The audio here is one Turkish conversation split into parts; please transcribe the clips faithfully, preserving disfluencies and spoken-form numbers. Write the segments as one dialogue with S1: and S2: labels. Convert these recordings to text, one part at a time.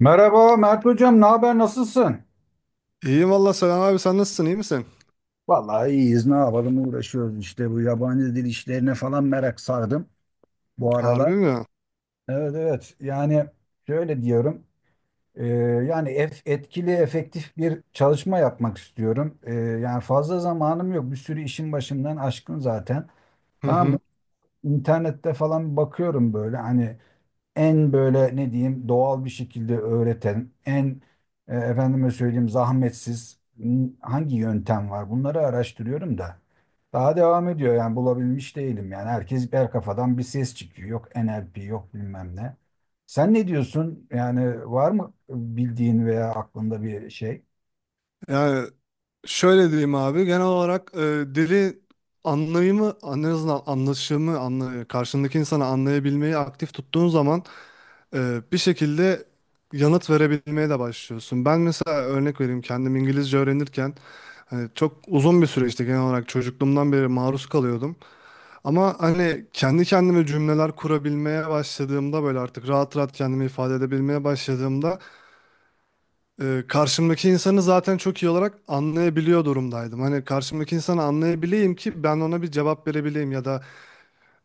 S1: Merhaba Mert Hocam, ne haber, nasılsın?
S2: İyiyim valla, selam abi, sen nasılsın, iyi misin?
S1: Vallahi iyiyiz, ne yapalım, uğraşıyoruz işte, bu yabancı dil işlerine falan merak sardım bu
S2: Harbi
S1: aralar.
S2: mi?
S1: Evet, evet, yani şöyle diyorum. Ee, Yani ef- etkili efektif bir çalışma yapmak istiyorum. Ee, yani fazla zamanım yok, bir sürü işin başımdan aşkın zaten.
S2: Hı
S1: Tamam mı?
S2: hı.
S1: İnternette falan bakıyorum, böyle hani en böyle ne diyeyim doğal bir şekilde öğreten, en e, efendime söyleyeyim zahmetsiz n- hangi yöntem var? Bunları araştırıyorum da. Daha devam ediyor, yani bulabilmiş değilim, yani herkes her kafadan bir ses çıkıyor. Yok N L P, yok bilmem ne. Sen ne diyorsun? Yani var mı bildiğin veya aklında bir şey?
S2: Yani şöyle diyeyim abi genel olarak e, dili anlayımı en azından anlaşımı anla, karşındaki insanı anlayabilmeyi aktif tuttuğun zaman e, bir şekilde yanıt verebilmeye de başlıyorsun. Ben mesela örnek vereyim kendim İngilizce öğrenirken hani çok uzun bir süreçti, genel olarak çocukluğumdan beri maruz kalıyordum. Ama hani kendi kendime cümleler kurabilmeye başladığımda böyle artık rahat rahat kendimi ifade edebilmeye başladığımda e, karşımdaki insanı zaten çok iyi olarak anlayabiliyor durumdaydım. Hani karşımdaki insanı anlayabileyim ki ben ona bir cevap verebileyim ya da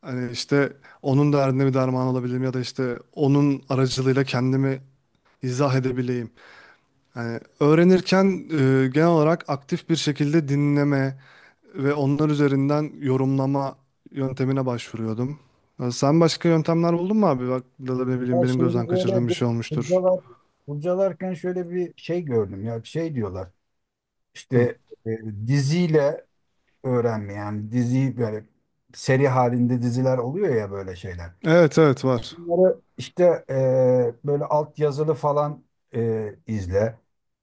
S2: hani işte onun derdine bir derman olabileyim ya da işte onun aracılığıyla kendimi izah edebileyim. Hani öğrenirken e, genel olarak aktif bir şekilde dinleme ve onlar üzerinden yorumlama yöntemine başvuruyordum. Ya sen başka yöntemler buldun mu abi? Bak da ne bileyim
S1: Ya
S2: benim
S1: şimdi
S2: gözden
S1: böyle
S2: kaçırdığım bir
S1: bu
S2: şey olmuştur.
S1: kurcalar, kurcalarken şöyle bir şey gördüm, ya şey diyorlar.
S2: Hı.
S1: İşte e, diziyle öğrenme. Yani diziyi böyle, seri halinde diziler oluyor ya böyle şeyler.
S2: Evet evet var.
S1: Bunları işte, e, böyle alt yazılı falan, e, izle.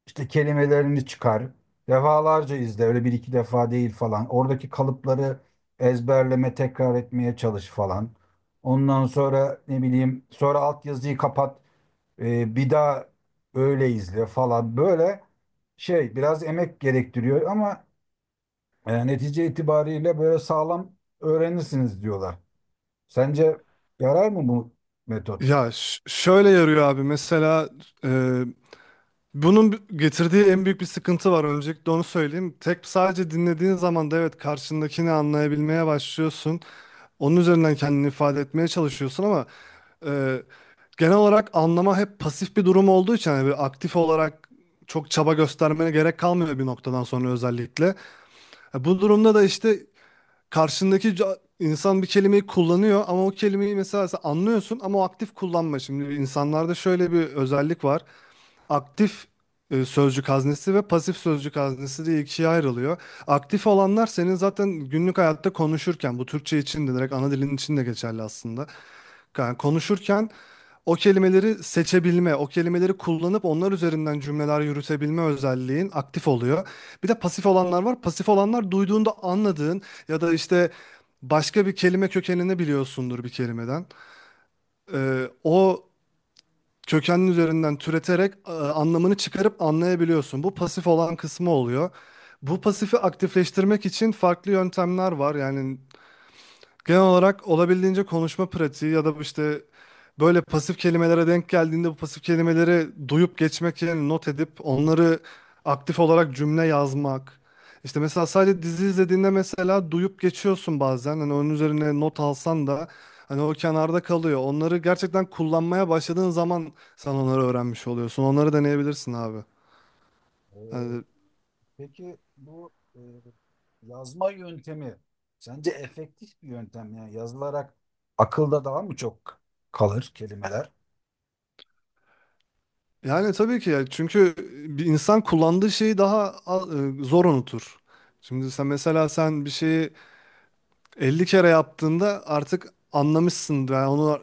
S1: İşte kelimelerini çıkar. Defalarca izle. Öyle bir iki defa değil falan. Oradaki kalıpları ezberleme, tekrar etmeye çalış falan. Ondan sonra ne bileyim, sonra alt yazıyı kapat. E, bir daha öyle izle falan. Böyle şey biraz emek gerektiriyor ama e, netice itibariyle böyle sağlam öğrenirsiniz diyorlar. Sence yarar mı bu metot?
S2: Ya ş- şöyle yarıyor abi mesela e, bunun bi- getirdiği en büyük bir sıkıntı var, öncelikle onu söyleyeyim. Tek sadece dinlediğin zaman da evet karşındakini anlayabilmeye başlıyorsun. Onun üzerinden kendini ifade etmeye çalışıyorsun ama e, genel olarak anlama hep pasif bir durum olduğu için hani bir aktif olarak çok çaba göstermene gerek kalmıyor bir noktadan sonra özellikle. E, Bu durumda da işte karşındaki ca- insan bir kelimeyi kullanıyor ama o kelimeyi mesela sen anlıyorsun ama o aktif kullanma. Şimdi insanlarda şöyle bir özellik var, aktif e, sözcük haznesi ve pasif sözcük haznesi diye ikiye ayrılıyor. Aktif olanlar senin zaten günlük hayatta konuşurken, bu Türkçe için de direkt ana dilin için de geçerli aslında. Yani konuşurken o kelimeleri seçebilme, o kelimeleri kullanıp onlar üzerinden cümleler yürütebilme özelliğin aktif oluyor. Bir de pasif olanlar var. Pasif olanlar duyduğunda anladığın ya da işte başka bir kelime kökenini biliyorsundur bir kelimeden. Ee, o kökenin üzerinden türeterek e, anlamını çıkarıp anlayabiliyorsun. Bu pasif olan kısmı oluyor. Bu pasifi aktifleştirmek için farklı yöntemler var. Yani genel olarak olabildiğince konuşma pratiği ya da işte böyle pasif kelimelere denk geldiğinde bu pasif kelimeleri duyup geçmek yerine not edip onları aktif olarak cümle yazmak. İşte mesela sadece dizi izlediğinde mesela duyup geçiyorsun bazen. Hani onun üzerine not alsan da hani o kenarda kalıyor. Onları gerçekten kullanmaya başladığın zaman sen onları öğrenmiş oluyorsun. Onları deneyebilirsin abi. Hani.
S1: Ee, peki bu e, yazma yöntemi sence efektif bir yöntem mi? Yani yazılarak akılda daha mı çok kalır kelimeler?
S2: Yani tabii ki ya. Çünkü bir insan kullandığı şeyi daha a- e, zor unutur. Şimdi sen mesela sen bir şeyi elli kere yaptığında artık anlamışsındır. Yani onu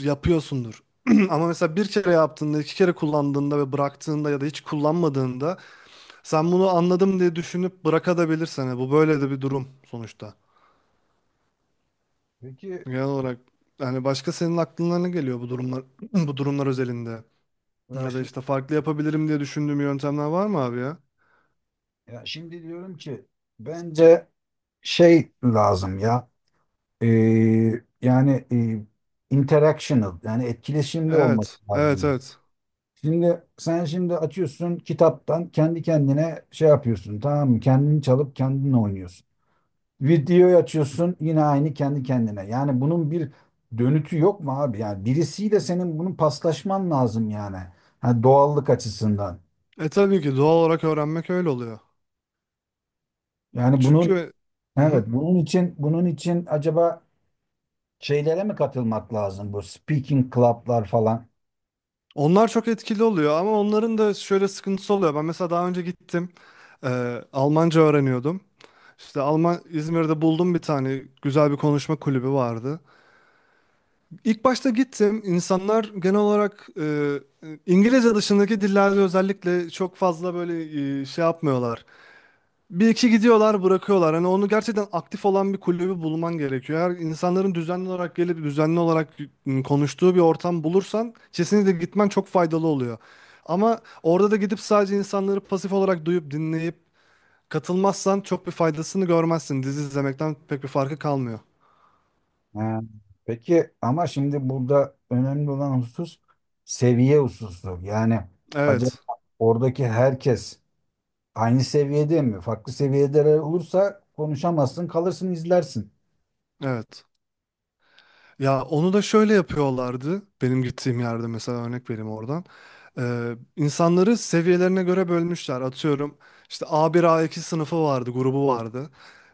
S2: yapıyorsundur. Ama mesela bir kere yaptığında, iki kere kullandığında ve bıraktığında ya da hiç kullanmadığında sen bunu anladım diye düşünüp bırakabilirsin. Yani bu böyle de bir durum sonuçta.
S1: Peki,
S2: Genel olarak yani başka senin aklına ne geliyor bu durumlar bu durumlar özelinde?
S1: ya
S2: Ya da
S1: şimdi,
S2: işte farklı yapabilirim diye düşündüğüm yöntemler var mı abi ya?
S1: ya şimdi diyorum ki bence şey lazım ya, e, yani e, interactional, yani etkileşimli olması
S2: Evet, evet,
S1: lazım.
S2: evet.
S1: Şimdi sen şimdi açıyorsun kitaptan, kendi kendine şey yapıyorsun, tamam mı? Kendini çalıp kendin oynuyorsun. Videoyu açıyorsun, yine aynı kendi kendine. Yani bunun bir dönütü yok mu abi? Yani birisiyle senin bunun paslaşman lazım yani. Ha, doğallık açısından.
S2: E tabii ki doğal olarak öğrenmek öyle oluyor.
S1: Yani bunun,
S2: Çünkü hı
S1: evet,
S2: hı.
S1: bunun için, bunun için acaba şeylere mi katılmak lazım? Bu speaking club'lar falan.
S2: Onlar çok etkili oluyor ama onların da şöyle sıkıntısı oluyor. Ben mesela daha önce gittim, e, Almanca öğreniyordum. İşte Alman İzmir'de buldum bir tane, güzel bir konuşma kulübü vardı. İlk başta gittim. İnsanlar genel olarak e, İngilizce dışındaki dillerde özellikle çok fazla böyle e, şey yapmıyorlar. Bir iki gidiyorlar bırakıyorlar. Hani onu gerçekten aktif olan bir kulübü bulman gerekiyor. Eğer insanların düzenli olarak gelip düzenli olarak ım, konuştuğu bir ortam bulursan kesinlikle gitmen çok faydalı oluyor. Ama orada da gidip sadece insanları pasif olarak duyup dinleyip katılmazsan çok bir faydasını görmezsin. Dizi izlemekten pek bir farkı kalmıyor.
S1: Ha, peki ama şimdi burada önemli olan husus seviye hususu. Yani acaba
S2: Evet.
S1: oradaki herkes aynı seviyede mi? Farklı seviyelere olursa konuşamazsın, kalırsın, izlersin.
S2: Evet. Ya onu da şöyle yapıyorlardı. Benim gittiğim yerde mesela örnek vereyim oradan. Ee, insanları seviyelerine göre bölmüşler. Atıyorum işte a bir a iki sınıfı vardı, grubu vardı.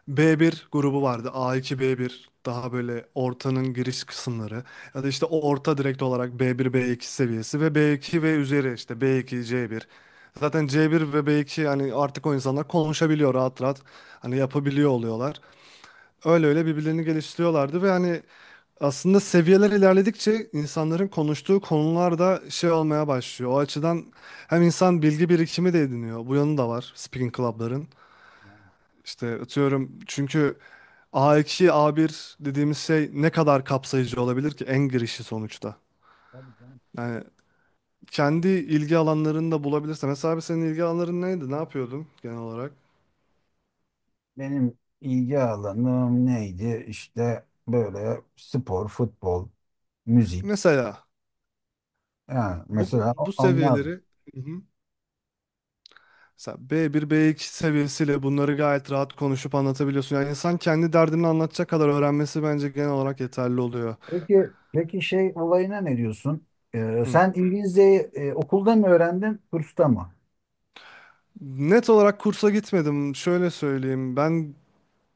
S2: be bir grubu vardı. a iki be bir daha böyle ortanın giriş kısımları. Ya da işte o orta, direkt olarak be bir be iki seviyesi ve be iki ve üzeri işte be iki ce bir. Zaten ce bir ve be iki hani artık o insanlar konuşabiliyor rahat rahat. Hani yapabiliyor oluyorlar. Öyle öyle birbirlerini geliştiriyorlardı ve hani aslında seviyeler ilerledikçe insanların konuştuğu konular da şey olmaya başlıyor. O açıdan hem insan bilgi birikimi de ediniyor. Bu yanı da var speaking club'ların.
S1: Yani,
S2: İşte atıyorum çünkü a iki, a bir dediğimiz şey ne kadar kapsayıcı olabilir ki, en girişi sonuçta.
S1: tabii canım.
S2: Yani
S1: Peki,
S2: kendi ilgi alanlarını da bulabilirse. Mesela abi senin ilgi alanların neydi? Ne yapıyordun genel olarak?
S1: benim ilgi alanım neydi? İşte böyle spor, futbol, müzik.
S2: Mesela
S1: Yani
S2: bu
S1: mesela o-
S2: bu
S1: onlar.
S2: seviyeleri. Hı hı. Mesela be bir, be iki seviyesiyle bunları gayet rahat konuşup anlatabiliyorsun. Yani insan kendi derdini anlatacak kadar öğrenmesi bence genel olarak yeterli oluyor.
S1: Peki, peki şey olayına ne diyorsun? Ee,
S2: Hı.
S1: sen İngilizceyi e, okulda mı öğrendin, kursta mı?
S2: Net olarak kursa gitmedim. Şöyle söyleyeyim. Ben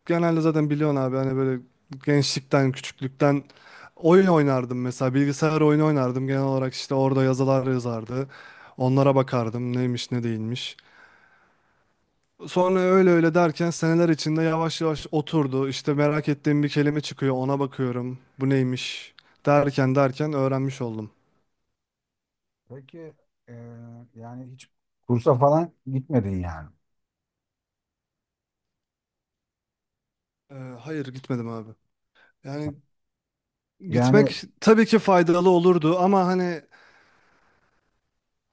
S2: genelde zaten biliyorsun abi hani böyle gençlikten, küçüklükten oyun oynardım mesela. Bilgisayar oyunu oynardım. Genel olarak işte orada yazılar yazardı. Onlara bakardım, neymiş ne değilmiş. Sonra öyle öyle derken seneler içinde yavaş yavaş oturdu. İşte merak ettiğim bir kelime çıkıyor, ona bakıyorum. Bu neymiş? Derken derken öğrenmiş oldum.
S1: Peki, e, yani hiç kursa falan gitmedin yani.
S2: Ee, hayır gitmedim abi. Yani
S1: Yani,
S2: gitmek tabii ki faydalı olurdu ama hani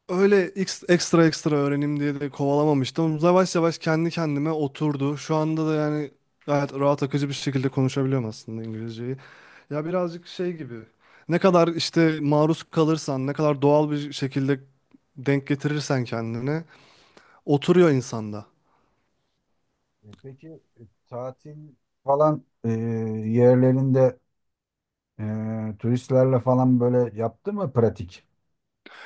S2: öyle ex- ekstra ekstra öğrenim diye de kovalamamıştım. Yavaş yavaş kendi kendime oturdu. Şu anda da yani gayet rahat akıcı bir şekilde konuşabiliyorum aslında İngilizceyi. Ya birazcık şey gibi. Ne kadar işte maruz kalırsan, ne kadar doğal bir şekilde denk getirirsen kendine oturuyor insanda.
S1: e, peki, e, tatil falan e, yerlerinde e, turistlerle falan böyle yaptın mı pratik?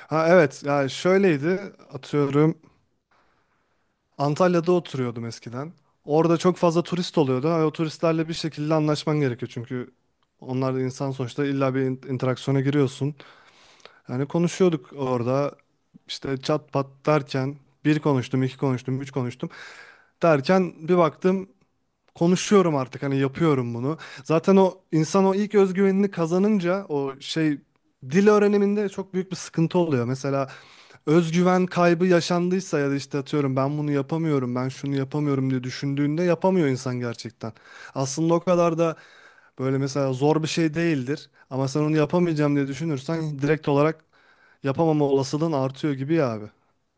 S2: Ha evet, yani şöyleydi atıyorum. Antalya'da oturuyordum eskiden. Orada çok fazla turist oluyordu. Ha, o turistlerle bir şekilde anlaşman gerekiyor. Çünkü onlar da insan sonuçta, illa bir in- interaksiyona giriyorsun. Yani konuşuyorduk orada. İşte çat pat derken bir konuştum, iki konuştum, üç konuştum. Derken bir baktım konuşuyorum artık, hani yapıyorum bunu. Zaten o insan o ilk özgüvenini kazanınca o şey, dil öğreniminde çok büyük bir sıkıntı oluyor. Mesela özgüven kaybı yaşandıysa ya da işte atıyorum ben bunu yapamıyorum, ben şunu yapamıyorum diye düşündüğünde yapamıyor insan gerçekten. Aslında o kadar da böyle mesela zor bir şey değildir ama sen onu yapamayacağım diye düşünürsen direkt olarak yapamama olasılığın artıyor gibi ya abi.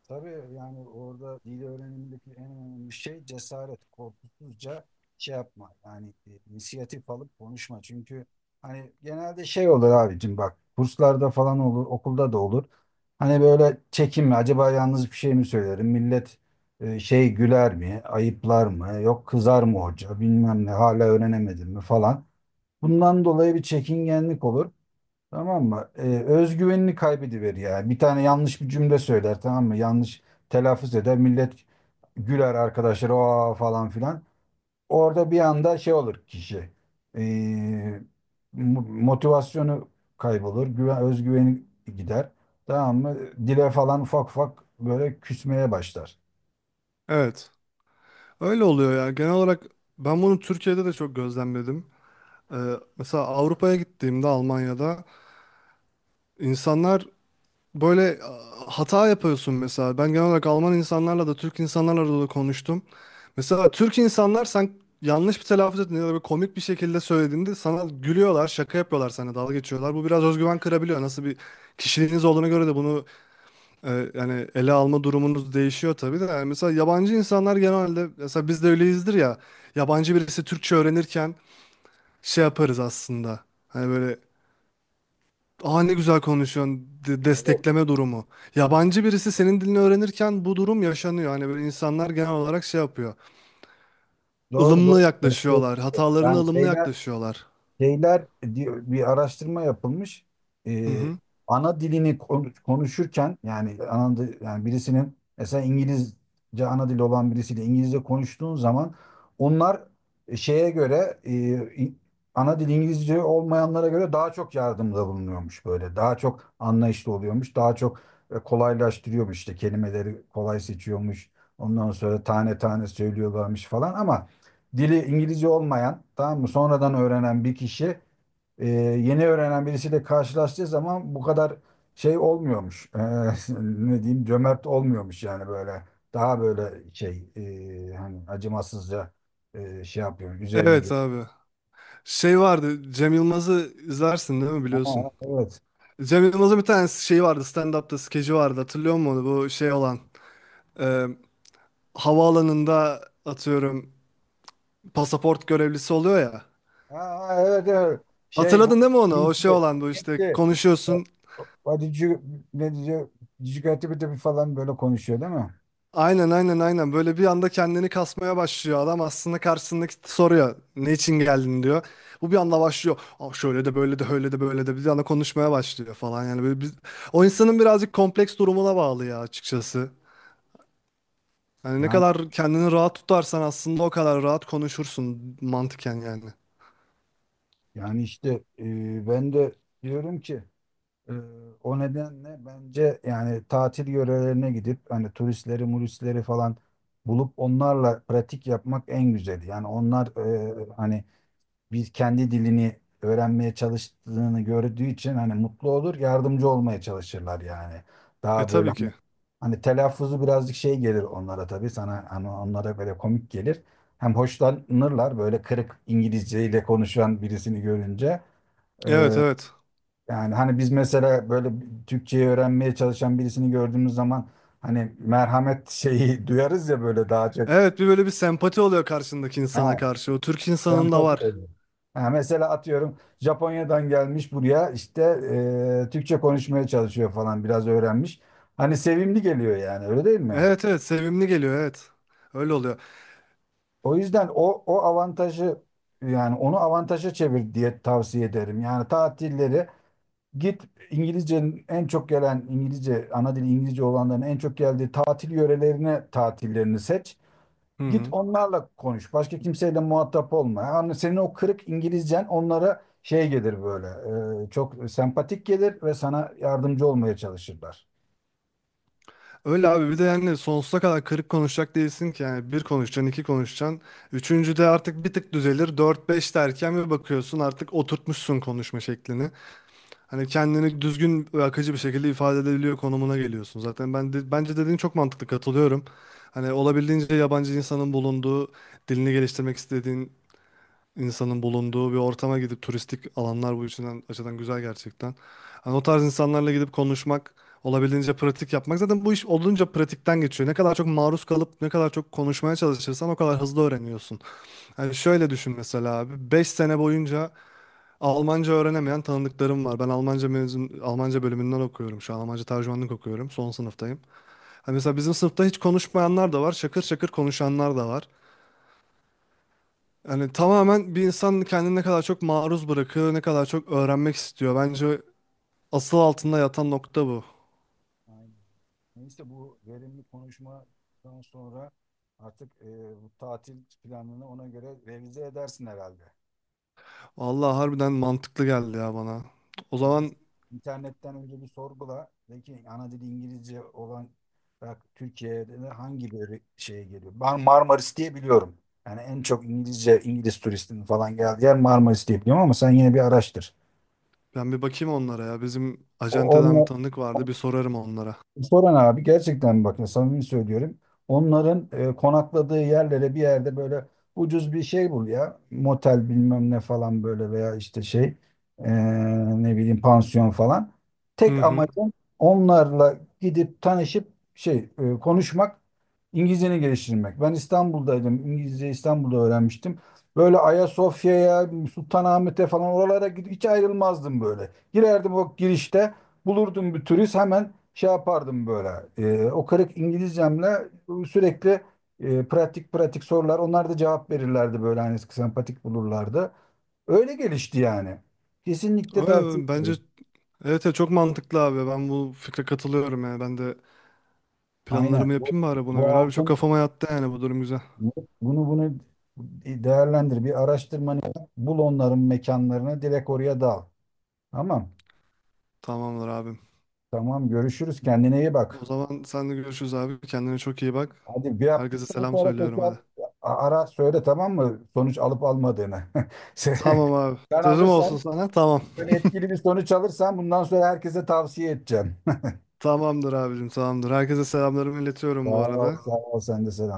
S1: Tabii, yani orada dil öğrenimindeki en önemli şey cesaret, korkusuzca şey yapma. Yani, e, inisiyatif alıp konuşma. Çünkü hani genelde şey olur abicim, bak kurslarda falan olur, okulda da olur. Hani böyle çekinme. Acaba yalnız bir şey mi söylerim? Millet e, şey güler mi? Ayıplar mı? Yok, kızar mı hoca? Bilmem ne. Hala öğrenemedim mi falan. Bundan dolayı bir çekingenlik olur. Tamam mı? Ee, özgüvenini kaybediver yani. Bir tane yanlış bir cümle söyler, tamam mı? Yanlış telaffuz eder. Millet güler arkadaşlar, o falan filan. Orada bir anda şey olur kişi. Ee, mo- motivasyonu kaybolur. Güven, özgüveni gider. Tamam mı? Dile falan ufak ufak böyle küsmeye başlar.
S2: Evet. Öyle oluyor ya. Genel olarak ben bunu Türkiye'de de çok gözlemledim. Ee, Mesela Avrupa'ya gittiğimde Almanya'da insanlar böyle a, hata yapıyorsun mesela. Ben genel olarak Alman insanlarla da Türk insanlarla da konuştum. Mesela Türk insanlar sen yanlış bir telaffuz ettiğinde ya da böyle komik bir şekilde söylediğinde sana gülüyorlar, şaka yapıyorlar sana, dalga geçiyorlar. Bu biraz özgüven kırabiliyor. Nasıl bir kişiliğiniz olduğuna göre de bunu e, yani ele alma durumunuz değişiyor tabii de. Yani mesela yabancı insanlar genelde, mesela biz de öyleyizdir ya. Yabancı birisi Türkçe öğrenirken şey yaparız aslında. Hani böyle, aa ne güzel konuşuyorsun. De-
S1: Evet.
S2: destekleme durumu. Yabancı birisi senin dilini öğrenirken bu durum yaşanıyor. Hani böyle insanlar genel olarak şey yapıyor.
S1: Doğru, doğru.
S2: Ilımlı
S1: Evet, evet.
S2: yaklaşıyorlar. Hatalarına
S1: Yani
S2: ılımlı
S1: şeyler
S2: yaklaşıyorlar.
S1: şeyler diyor, bir araştırma yapılmış.
S2: Hı
S1: Ee,
S2: hı.
S1: Ana dilini kon- konuşurken, yani ana di- yani birisinin, mesela İngilizce ana dili olan birisiyle İngilizce konuştuğun zaman, onlar şeye göre, e, İ- ana dili İngilizce olmayanlara göre daha çok yardımda bulunuyormuş böyle. Daha çok anlayışlı oluyormuş. Daha çok e, kolaylaştırıyormuş, işte kelimeleri kolay seçiyormuş. Ondan sonra tane tane söylüyorlarmış falan, ama dili İngilizce olmayan, tamam mı, sonradan öğrenen bir kişi e, yeni öğrenen birisiyle karşılaştığı zaman bu kadar şey olmuyormuş. E, ne diyeyim, cömert olmuyormuş yani böyle. Daha böyle şey, e, hani acımasızca e, şey yapıyor, üzerine
S2: Evet
S1: gidiyor.
S2: abi. Şey vardı, Cem Yılmaz'ı izlersin değil mi, biliyorsun.
S1: Aa, evet.
S2: Cem Yılmaz'ın bir tane şeyi vardı. Stand-up'ta skeci vardı. Hatırlıyor musun onu? Bu şey olan, e, havaalanında atıyorum pasaport görevlisi oluyor ya.
S1: Aa, evet, evet. Şey, bu
S2: Hatırladın değil mi onu? O şey
S1: Hintli,
S2: olan bu işte,
S1: Hintli.
S2: konuşuyorsun.
S1: What did you, ne diyor? Did you get it?" falan böyle konuşuyor değil mi?
S2: Aynen aynen aynen, böyle bir anda kendini kasmaya başlıyor adam. Aslında karşısındaki soruyor, ne için geldin diyor. Bu bir anda başlıyor, aa şöyle de böyle de öyle de böyle de, bir anda konuşmaya başlıyor falan, yani böyle biz... O insanın birazcık kompleks durumuna bağlı ya açıkçası. Hani ne
S1: Yani
S2: kadar kendini rahat tutarsan aslında o kadar rahat konuşursun mantıken yani.
S1: yani işte, e, ben de diyorum ki, Ee, o nedenle bence yani tatil yörelerine gidip hani turistleri, muristleri falan bulup onlarla pratik yapmak en güzeli. Yani onlar, e, hani biz kendi dilini öğrenmeye çalıştığını gördüğü için hani mutlu olur, yardımcı olmaya çalışırlar yani.
S2: E
S1: Daha böyle
S2: tabii
S1: hani,
S2: ki.
S1: hani telaffuzu birazcık şey gelir onlara, tabii sana, hani onlara böyle komik gelir. Hem hoşlanırlar böyle kırık İngilizceyle konuşan birisini görünce.
S2: Evet evet.
S1: Yani hani biz mesela böyle Türkçeyi öğrenmeye çalışan birisini gördüğümüz zaman hani merhamet şeyi duyarız ya böyle, daha çok.
S2: Evet, bir böyle bir sempati oluyor karşındaki insana
S1: Ha,
S2: karşı. O Türk insanında
S1: sempati
S2: var.
S1: oluyor. Ha, mesela atıyorum Japonya'dan gelmiş buraya, işte e, Türkçe konuşmaya çalışıyor falan, biraz öğrenmiş. Hani sevimli geliyor yani, öyle değil mi?
S2: Evet evet, sevimli geliyor, evet. Öyle oluyor.
S1: O yüzden o, o avantajı, yani onu avantaja çevir diye tavsiye ederim. Yani tatilleri, git İngilizcenin en çok gelen İngilizce, ana dili İngilizce olanların en çok geldiği tatil yörelerine, tatillerini seç.
S2: Hı
S1: Git,
S2: hı.
S1: onlarla konuş. Başka kimseyle muhatap olma. Yani senin o kırık İngilizcen onlara şey gelir böyle, e, çok sempatik gelir ve sana yardımcı olmaya çalışırlar.
S2: Öyle abi, bir de yani sonsuza kadar kırık konuşacak değilsin ki, yani bir konuşacaksın, iki konuşacaksın. Üçüncüde artık bir tık düzelir. Dört beş derken bir bakıyorsun artık oturtmuşsun konuşma şeklini. Hani kendini düzgün ve akıcı bir şekilde ifade edebiliyor konumuna geliyorsun. Zaten ben de, bence dediğin çok mantıklı, katılıyorum. Hani olabildiğince yabancı insanın bulunduğu, dilini geliştirmek istediğin insanın bulunduğu bir ortama gidip, turistik alanlar bu için açıdan güzel gerçekten. Hani o tarz insanlarla gidip konuşmak, olabildiğince pratik yapmak. Zaten bu iş olunca pratikten geçiyor. Ne kadar çok maruz kalıp ne kadar çok konuşmaya çalışırsan o kadar hızlı öğreniyorsun. Yani şöyle düşün mesela abi, beş sene boyunca Almanca öğrenemeyen tanıdıklarım var. Ben Almanca mezun, Almanca bölümünden okuyorum şu an. Almanca tercümanlık okuyorum. Son sınıftayım. Hani mesela bizim sınıfta hiç konuşmayanlar da var. Şakır şakır konuşanlar da var. Yani tamamen bir insan kendini ne kadar çok maruz bırakıyor, ne kadar çok öğrenmek istiyor. Bence asıl altında yatan nokta bu.
S1: Aynen. Neyse, bu verimli konuşmadan sonra artık, e, bu tatil planını ona göre revize edersin herhalde.
S2: Allah harbiden mantıklı geldi ya bana. O
S1: Gidip
S2: zaman
S1: İnternetten önce bir sorgula. De ki ana dili İngilizce olan, bak Türkiye'de de hangi böyle şeye geliyor? Ben Marmaris diye biliyorum. Yani en çok İngilizce, İngiliz turistinin falan geldiği yer Marmaris diye biliyorum, ama sen yine bir araştır.
S2: ben bir bakayım onlara ya. Bizim
S1: O,
S2: acenteden bir
S1: onunla,
S2: tanıdık vardı, bir sorarım onlara.
S1: Soran abi, gerçekten bak ya, samimi söylüyorum. Onların e, konakladığı yerlere, bir yerde böyle ucuz bir şey bul ya. Motel bilmem ne falan böyle, veya işte şey, e, ne bileyim pansiyon falan.
S2: Hı
S1: Tek
S2: hı.
S1: amacım onlarla gidip tanışıp şey, e, konuşmak, İngilizceni geliştirmek. Ben İstanbul'daydım. İngilizce İstanbul'da öğrenmiştim. Böyle Ayasofya'ya, Sultanahmet'e falan, oralara gidip hiç ayrılmazdım böyle. Girerdim o girişte, bulurdum bir turist, hemen şey yapardım böyle. Ee, o kırık İngilizcemle sürekli, e, pratik pratik sorular. Onlar da cevap verirlerdi böyle, hani sempatik bulurlardı. Öyle gelişti yani. Kesinlikle tavsiye
S2: Öyle, bence
S1: ederim.
S2: evet evet, çok mantıklı abi. Ben bu fikre katılıyorum yani. Ben de
S1: Aynen.
S2: planlarımı
S1: Bu,
S2: yapayım bari buna
S1: bu
S2: göre abi. Çok
S1: altın,
S2: kafama yattı yani, bu durum güzel.
S1: bunu bunu değerlendir. Bir araştırmanı yap, bul onların mekanlarını, direkt oraya dal. Tamam.
S2: Tamamdır abim.
S1: Tamam, görüşürüz. Kendine iyi
S2: O
S1: bak.
S2: zaman sen de görüşürüz abi. Kendine çok iyi bak.
S1: Hadi, bir
S2: Herkese
S1: yaptıktan
S2: selam
S1: sonra
S2: söylüyorum
S1: tekrar
S2: hadi.
S1: a- ara söyle, tamam mı? Sonuç alıp almadığını. Se-
S2: Tamam abi.
S1: Sen
S2: Sözüm olsun
S1: alırsan,
S2: sana. Tamam.
S1: Sen etkili bir sonuç alırsan bundan sonra herkese tavsiye edeceğim.
S2: Tamamdır abicim, tamamdır. Herkese selamlarımı
S1: Sağ
S2: iletiyorum bu
S1: ol,
S2: arada.
S1: sağ ol. Sen de selam.